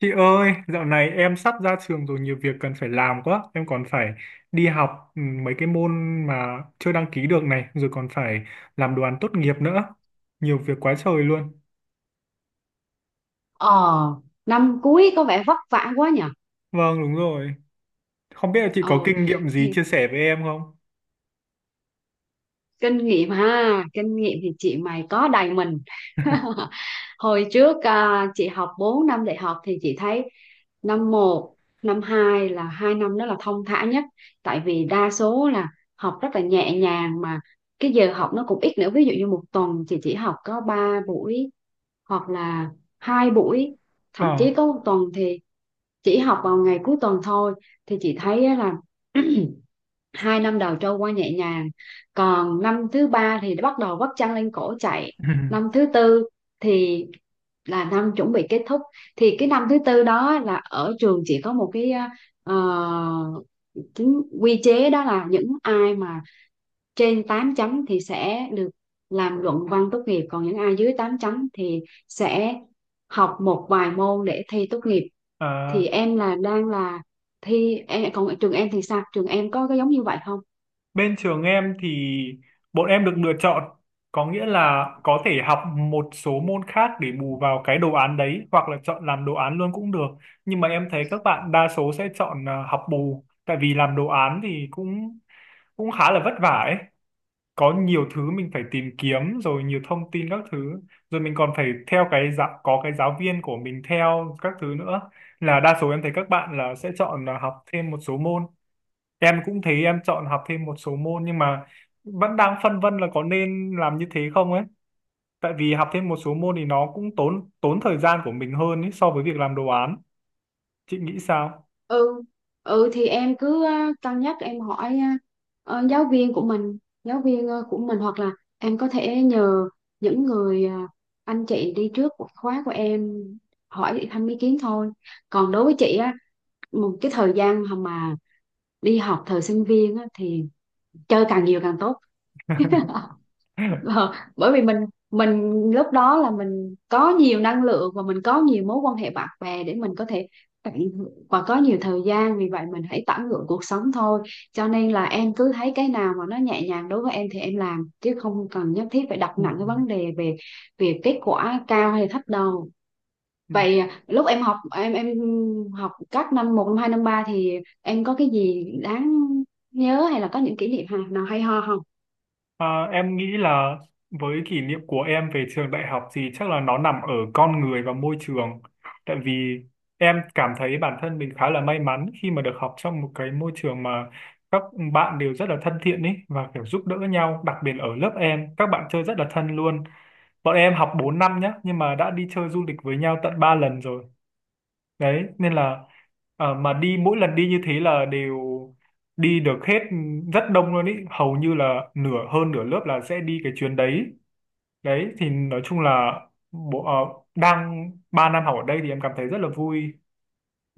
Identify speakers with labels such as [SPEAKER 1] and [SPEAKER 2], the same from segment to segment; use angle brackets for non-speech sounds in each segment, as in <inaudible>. [SPEAKER 1] Chị ơi, dạo này em sắp ra trường rồi nhiều việc cần phải làm quá. Em còn phải đi học mấy cái môn mà chưa đăng ký được này, rồi còn phải làm đoàn tốt nghiệp nữa. Nhiều việc quá trời luôn.
[SPEAKER 2] Ờ, năm cuối có vẻ vất vả quá nhỉ.
[SPEAKER 1] Vâng, đúng rồi. Không biết là chị
[SPEAKER 2] Ờ,
[SPEAKER 1] có kinh nghiệm gì
[SPEAKER 2] thì
[SPEAKER 1] chia sẻ với em không?
[SPEAKER 2] kinh nghiệm thì chị mày có đầy mình. <laughs> Hồi trước à, chị học 4 năm đại học thì chị thấy năm một, năm 2 là 2 năm đó là thong thả nhất, tại vì đa số là học rất là nhẹ nhàng mà cái giờ học nó cũng ít nữa. Ví dụ như một tuần chị chỉ học có 3 buổi hoặc là hai buổi, thậm
[SPEAKER 1] Ờ.
[SPEAKER 2] chí có một tuần thì chỉ học vào ngày cuối tuần thôi. Thì chị thấy á là <clears throat> 2 năm đầu trôi qua nhẹ nhàng, còn năm thứ ba thì bắt đầu vắt chăn lên cổ chạy. Năm
[SPEAKER 1] <laughs>
[SPEAKER 2] thứ tư thì là năm chuẩn bị kết thúc, thì cái năm thứ tư đó là ở trường chỉ có một cái ờ, chính quy chế, đó là những ai mà trên 8 chấm thì sẽ được làm luận văn tốt nghiệp, còn những ai dưới 8 chấm thì sẽ học một vài môn để thi tốt nghiệp. Thì
[SPEAKER 1] À,
[SPEAKER 2] em là đang là thi em, còn trường em thì sao, trường em có cái giống như vậy không?
[SPEAKER 1] bên trường em thì bọn em được lựa chọn, có nghĩa là có thể học một số môn khác để bù vào cái đồ án đấy hoặc là chọn làm đồ án luôn cũng được. Nhưng mà em thấy các bạn đa số sẽ chọn à, học bù, tại vì làm đồ án thì cũng cũng khá là vất vả ấy. Có nhiều thứ mình phải tìm kiếm rồi nhiều thông tin các thứ, rồi mình còn phải theo cái giáo viên của mình theo các thứ nữa, là đa số em thấy các bạn là sẽ chọn là học thêm một số môn. Em cũng thấy em chọn học thêm một số môn nhưng mà vẫn đang phân vân là có nên làm như thế không ấy. Tại vì học thêm một số môn thì nó cũng tốn tốn thời gian của mình hơn ấy, so với việc làm đồ án. Chị nghĩ sao?
[SPEAKER 2] Ừ, ừ, thì em cứ cân nhắc, em hỏi giáo viên của mình, giáo viên của mình hoặc là em có thể nhờ những người anh chị đi trước của khóa của em hỏi thăm ý kiến thôi. Còn đối với chị á, một cái thời gian mà đi học thời sinh viên á, thì chơi càng nhiều càng tốt.
[SPEAKER 1] <laughs>
[SPEAKER 2] Ờ, bởi vì mình lúc đó là mình có nhiều năng lượng và mình có nhiều mối quan hệ bạn bè để mình có thể tận hưởng, và có nhiều thời gian, vì vậy mình hãy tận hưởng cuộc sống thôi. Cho nên là em cứ thấy cái nào mà nó nhẹ nhàng đối với em thì em làm, chứ không cần nhất thiết phải đặt nặng cái vấn đề về về kết quả cao hay thấp đâu.
[SPEAKER 1] Ừ.
[SPEAKER 2] Vậy à, lúc em học em học các năm một, năm hai, năm ba thì em có cái gì đáng nhớ hay là có những kỷ niệm nào hay ho không?
[SPEAKER 1] À, em nghĩ là với kỷ niệm của em về trường đại học thì chắc là nó nằm ở con người và môi trường. Tại vì em cảm thấy bản thân mình khá là may mắn khi mà được học trong một cái môi trường mà các bạn đều rất là thân thiện ấy và kiểu giúp đỡ nhau, đặc biệt ở lớp em, các bạn chơi rất là thân luôn. Bọn em học 4 năm nhá, nhưng mà đã đi chơi du lịch với nhau tận 3 lần rồi đấy, nên là mà đi mỗi lần đi như thế là đều đi được hết, rất đông luôn ý, hầu như là nửa hơn nửa lớp là sẽ đi cái chuyến đấy. Đấy thì nói chung là bộ đang 3 năm học ở đây thì em cảm thấy rất là vui.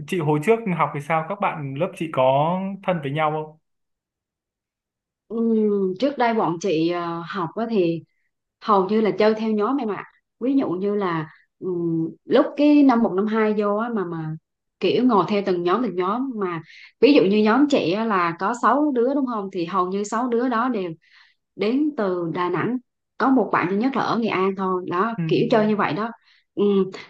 [SPEAKER 1] Chị hồi trước học thì sao, các bạn lớp chị có thân với nhau không?
[SPEAKER 2] Trước đây bọn chị học á thì hầu như là chơi theo nhóm em ạ. Ví dụ như là lúc cái năm một năm hai vô á mà kiểu ngồi theo từng nhóm mà, ví dụ như nhóm chị á là có 6 đứa đúng không, thì hầu như 6 đứa đó đều đến từ Đà Nẵng, có một bạn duy nhất là ở Nghệ An thôi, đó kiểu chơi như vậy đó. Ừ.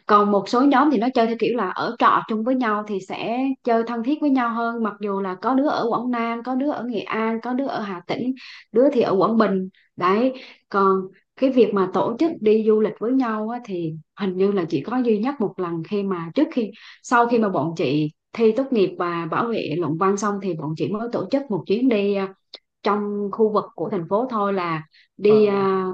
[SPEAKER 2] Còn một số nhóm thì nó chơi theo kiểu là ở trọ chung với nhau thì sẽ chơi thân thiết với nhau hơn, mặc dù là có đứa ở Quảng Nam, có đứa ở Nghệ An, có đứa ở Hà Tĩnh, đứa thì ở Quảng Bình đấy. Còn cái việc mà tổ chức đi du lịch với nhau á, thì hình như là chỉ có duy nhất một lần khi mà trước khi sau khi mà bọn chị thi tốt nghiệp và bảo vệ luận văn xong thì bọn chị mới tổ chức một chuyến đi, à, trong khu vực của thành phố thôi, là
[SPEAKER 1] Ừ.
[SPEAKER 2] đi à,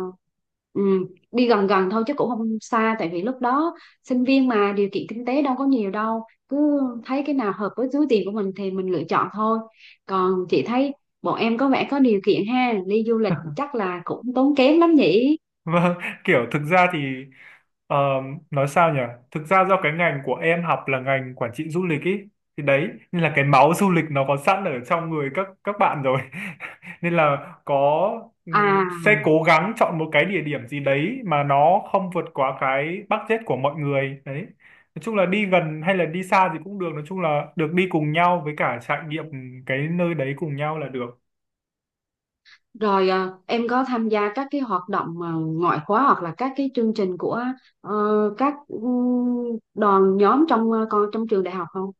[SPEAKER 2] ừm, đi gần gần thôi chứ cũng không xa, tại vì lúc đó sinh viên mà điều kiện kinh tế đâu có nhiều đâu, cứ thấy cái nào hợp với túi tiền của mình thì mình lựa chọn thôi. Còn chị thấy bọn em có vẻ có điều kiện ha, đi du lịch
[SPEAKER 1] Ờ.
[SPEAKER 2] chắc là cũng tốn kém lắm nhỉ.
[SPEAKER 1] Vâng, kiểu thực ra thì ờ, nói sao nhỉ? Thực ra do cái ngành của em học là ngành quản trị du lịch ý, thì đấy nên là cái máu du lịch nó có sẵn ở trong người các bạn rồi. <laughs> Nên là có sẽ
[SPEAKER 2] À,
[SPEAKER 1] cố gắng chọn một cái địa điểm gì đấy mà nó không vượt quá cái budget của mọi người đấy. Nói chung là đi gần hay là đi xa thì cũng được, nói chung là được đi cùng nhau với cả trải nghiệm cái nơi đấy cùng nhau là được.
[SPEAKER 2] rồi, à, em có tham gia các cái hoạt động à, ngoại khóa hoặc là các cái chương trình của ờ, các đoàn nhóm trong ờ, con trong trường đại học không?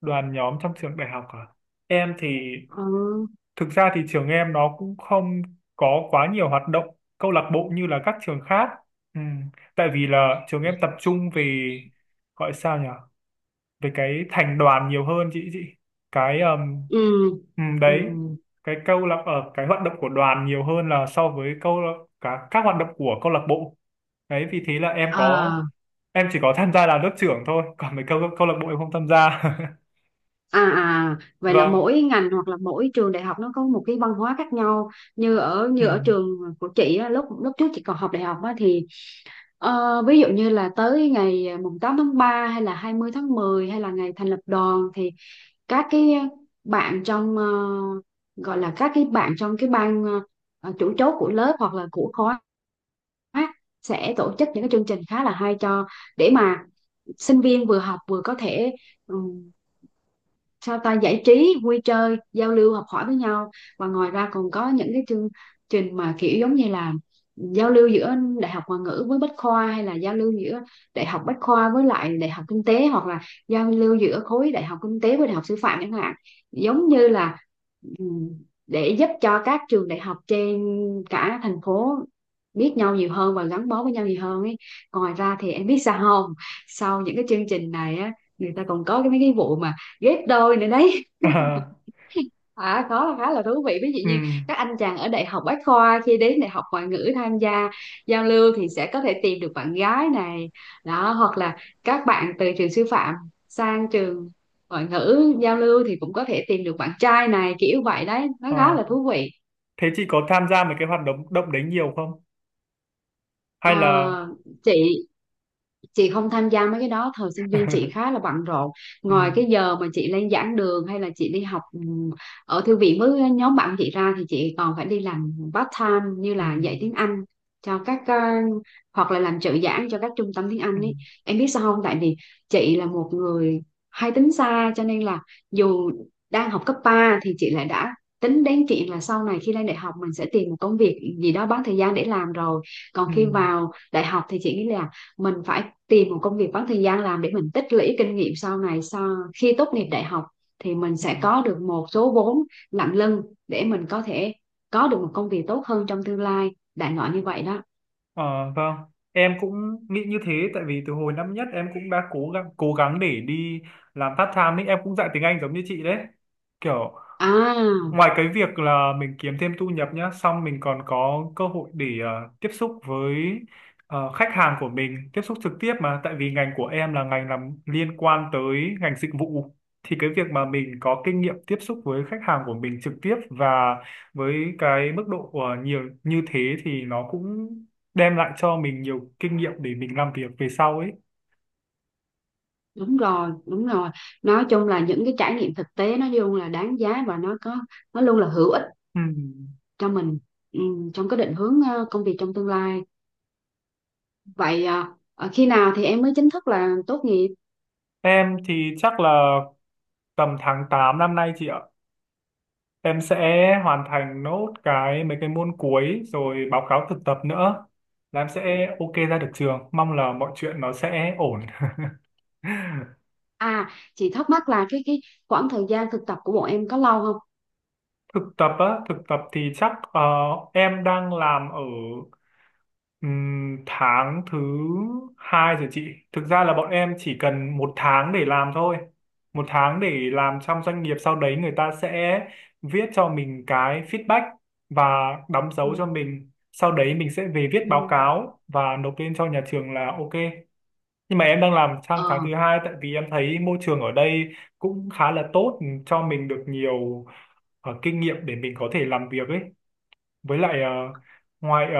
[SPEAKER 1] Đoàn nhóm trong trường đại học à? Em thì
[SPEAKER 2] Ừ.
[SPEAKER 1] thực ra thì trường em nó cũng không có quá nhiều hoạt động câu lạc bộ như là các trường khác. Ừ. Tại vì là trường em tập trung về, gọi sao nhỉ? Về cái thành đoàn nhiều hơn chị. Cái
[SPEAKER 2] Ừ, ừ.
[SPEAKER 1] đấy, cái câu lạc ở cái hoạt động của đoàn nhiều hơn là so với câu lạc- cả các hoạt động của câu lạc bộ. Đấy vì thế là em có,
[SPEAKER 2] À,
[SPEAKER 1] em chỉ có tham gia là lớp trưởng thôi, còn mấy câu câu lạc bộ em không tham gia.
[SPEAKER 2] à, à,
[SPEAKER 1] <laughs>
[SPEAKER 2] vậy là
[SPEAKER 1] Vâng.
[SPEAKER 2] mỗi ngành hoặc là mỗi trường đại học nó có một cái văn hóa khác nhau. Như ở
[SPEAKER 1] Ừm.
[SPEAKER 2] trường của chị á, lúc lúc trước chị còn học đại học á, thì ờ, ví dụ như là tới ngày à, mùng 8 tháng ba hay là 20 tháng 10 hay là ngày thành lập đoàn thì các cái bạn trong gọi là các cái bạn trong cái ban chủ chốt của lớp hoặc là của khóa sẽ tổ chức những cái chương trình khá là hay cho, để mà sinh viên vừa học vừa có thể sao ta, giải trí, vui chơi, giao lưu, học hỏi với nhau. Và ngoài ra còn có những cái chương trình mà kiểu giống như là giao lưu giữa đại học ngoại ngữ với bách khoa, hay là giao lưu giữa đại học bách khoa với lại đại học kinh tế, hoặc là giao lưu giữa khối đại học kinh tế với đại học sư phạm chẳng hạn. Giống như là ừm, để giúp cho các trường đại học trên cả thành phố biết nhau nhiều hơn và gắn bó với nhau nhiều hơn ấy. Ngoài ra thì em biết sao không? Sau những cái chương trình này á, người ta còn có cái mấy cái vụ mà ghép đôi nữa đấy.
[SPEAKER 1] <laughs> À,
[SPEAKER 2] À, có, là khá là thú vị, ví dụ như
[SPEAKER 1] ừm.
[SPEAKER 2] các anh chàng ở đại học Bách Khoa khi đến đại học ngoại ngữ tham gia giao lưu thì sẽ có thể tìm được bạn gái này đó, hoặc là các bạn từ trường sư phạm sang trường ngoại ngữ giao lưu thì cũng có thể tìm được bạn trai này, kiểu vậy đấy, nó khá
[SPEAKER 1] Ờ.
[SPEAKER 2] là thú vị.
[SPEAKER 1] Thế chị có tham gia mấy cái hoạt động động đấy nhiều không? Hay là
[SPEAKER 2] Ờ, chị chị không tham gia mấy cái đó, thời sinh viên chị khá
[SPEAKER 1] <laughs>
[SPEAKER 2] là bận rộn.
[SPEAKER 1] ừ,
[SPEAKER 2] Ngoài cái giờ mà chị lên giảng đường hay là chị đi học ở thư viện với nhóm bạn chị ra thì chị còn phải đi làm part time, như
[SPEAKER 1] ừ,
[SPEAKER 2] là dạy tiếng Anh cho các hoặc là làm trợ giảng cho các trung tâm tiếng
[SPEAKER 1] ừ,
[SPEAKER 2] Anh ấy. Em biết sao không, tại vì chị là một người hay tính xa, cho nên là dù đang học cấp 3 thì chị lại đã tính đến chuyện là sau này khi lên đại học mình sẽ tìm một công việc gì đó bán thời gian để làm rồi. Còn
[SPEAKER 1] ừ,
[SPEAKER 2] khi vào đại học thì chị nghĩ là mình phải tìm một công việc bán thời gian làm để mình tích lũy kinh nghiệm, sau này sau khi tốt nghiệp đại học thì mình
[SPEAKER 1] ừ.
[SPEAKER 2] sẽ có được một số vốn nặng lưng để mình có thể có được một công việc tốt hơn trong tương lai, đại loại như vậy đó.
[SPEAKER 1] Ờ, vâng, em cũng nghĩ như thế, tại vì từ hồi năm nhất em cũng đã cố gắng để đi làm part time ấy, em cũng dạy tiếng Anh giống như chị đấy. Kiểu
[SPEAKER 2] À,
[SPEAKER 1] ngoài cái việc là mình kiếm thêm thu nhập nhá, xong mình còn có cơ hội để ờ, tiếp xúc với ờ, khách hàng của mình, tiếp xúc trực tiếp mà, tại vì ngành của em là ngành làm liên quan tới ngành dịch vụ. Thì cái việc mà mình có kinh nghiệm tiếp xúc với khách hàng của mình trực tiếp và với cái mức độ của nhiều như thế thì nó cũng đem lại cho mình nhiều kinh nghiệm để mình làm việc về sau ấy.
[SPEAKER 2] đúng rồi, đúng rồi, nói chung là những cái trải nghiệm thực tế nó luôn là đáng giá và nó luôn là hữu ích
[SPEAKER 1] Ừm.
[SPEAKER 2] cho mình, ừ, trong cái định hướng công việc trong tương lai. Vậy à, ờ, khi nào thì em mới chính thức là tốt nghiệp?
[SPEAKER 1] Em thì chắc là tầm tháng 8 năm nay chị ạ. Em sẽ hoàn thành nốt cái mấy cái môn cuối rồi báo cáo thực tập nữa là em sẽ ok ra được trường, mong là mọi chuyện nó sẽ ổn. <laughs>
[SPEAKER 2] À, chị thắc mắc là cái khoảng thời gian thực tập của bọn em có lâu không?
[SPEAKER 1] Thực tập á, thực tập thì chắc ờ, em đang làm ở tháng thứ hai rồi chị. Thực ra là bọn em chỉ cần một tháng để làm thôi, một tháng để làm trong doanh nghiệp, sau đấy người ta sẽ viết cho mình cái feedback và đóng
[SPEAKER 2] Ừ.
[SPEAKER 1] dấu cho mình, sau đấy mình sẽ về viết
[SPEAKER 2] Ừ.
[SPEAKER 1] báo cáo và nộp lên cho nhà trường là ok. Nhưng mà em đang làm sang
[SPEAKER 2] Ờ,
[SPEAKER 1] tháng thứ hai tại vì em thấy môi trường ở đây cũng khá là tốt, cho mình được nhiều ờ, kinh nghiệm để mình có thể làm việc ấy, với lại ờ, ngoài ờ,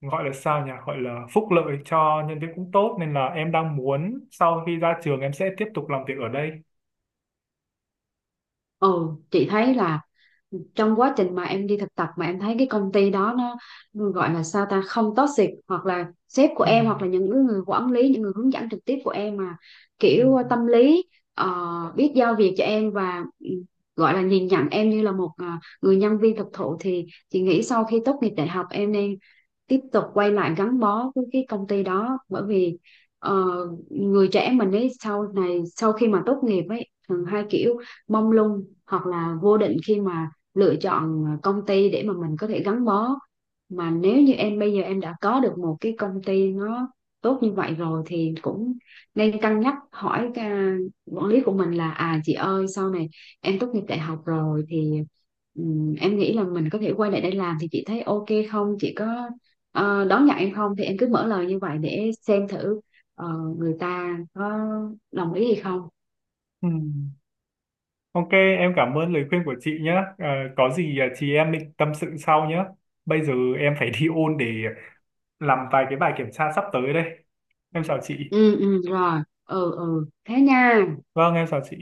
[SPEAKER 1] gọi là sao nhỉ, gọi là phúc lợi cho nhân viên cũng tốt, nên là em đang muốn sau khi ra trường em sẽ tiếp tục làm việc ở đây.
[SPEAKER 2] ừ, chị thấy là trong quá trình mà em đi thực tập mà em thấy cái công ty đó nó gọi là sao ta, không toxic, hoặc là sếp của
[SPEAKER 1] Ừ.
[SPEAKER 2] em hoặc là những người quản lý, những người hướng dẫn trực tiếp của em mà
[SPEAKER 1] Ừ.
[SPEAKER 2] kiểu tâm lý, biết giao việc cho em và ừ, gọi là nhìn nhận em như là một người nhân viên thực thụ, thì chị nghĩ sau khi tốt nghiệp đại học em nên tiếp tục quay lại gắn bó với cái công ty đó. Bởi vì ờ, người trẻ mình ấy sau này sau khi mà tốt nghiệp ấy thường hai kiểu, mông lung hoặc là vô định khi mà lựa chọn công ty để mà mình có thể gắn bó. Mà nếu như em bây giờ em đã có được một cái công ty nó tốt như vậy rồi thì cũng nên cân nhắc hỏi cái, à, quản lý của mình là à chị ơi, sau này em tốt nghiệp đại học rồi thì em nghĩ là mình có thể quay lại đây làm, thì chị thấy ok không, chị có đón nhận em không, thì em cứ mở lời như vậy để xem thử ờ, người ta có đồng ý hay không.
[SPEAKER 1] Ừ. Ok em cảm ơn lời khuyên của chị nhé. Ờ, có gì ờ, chị em mình tâm sự sau nhé, bây giờ em phải đi ôn để làm vài cái bài kiểm tra sắp tới đây. Em chào chị.
[SPEAKER 2] Ừ, ừ rồi. Ừ, ừ, thế nha.
[SPEAKER 1] Vâng em chào chị.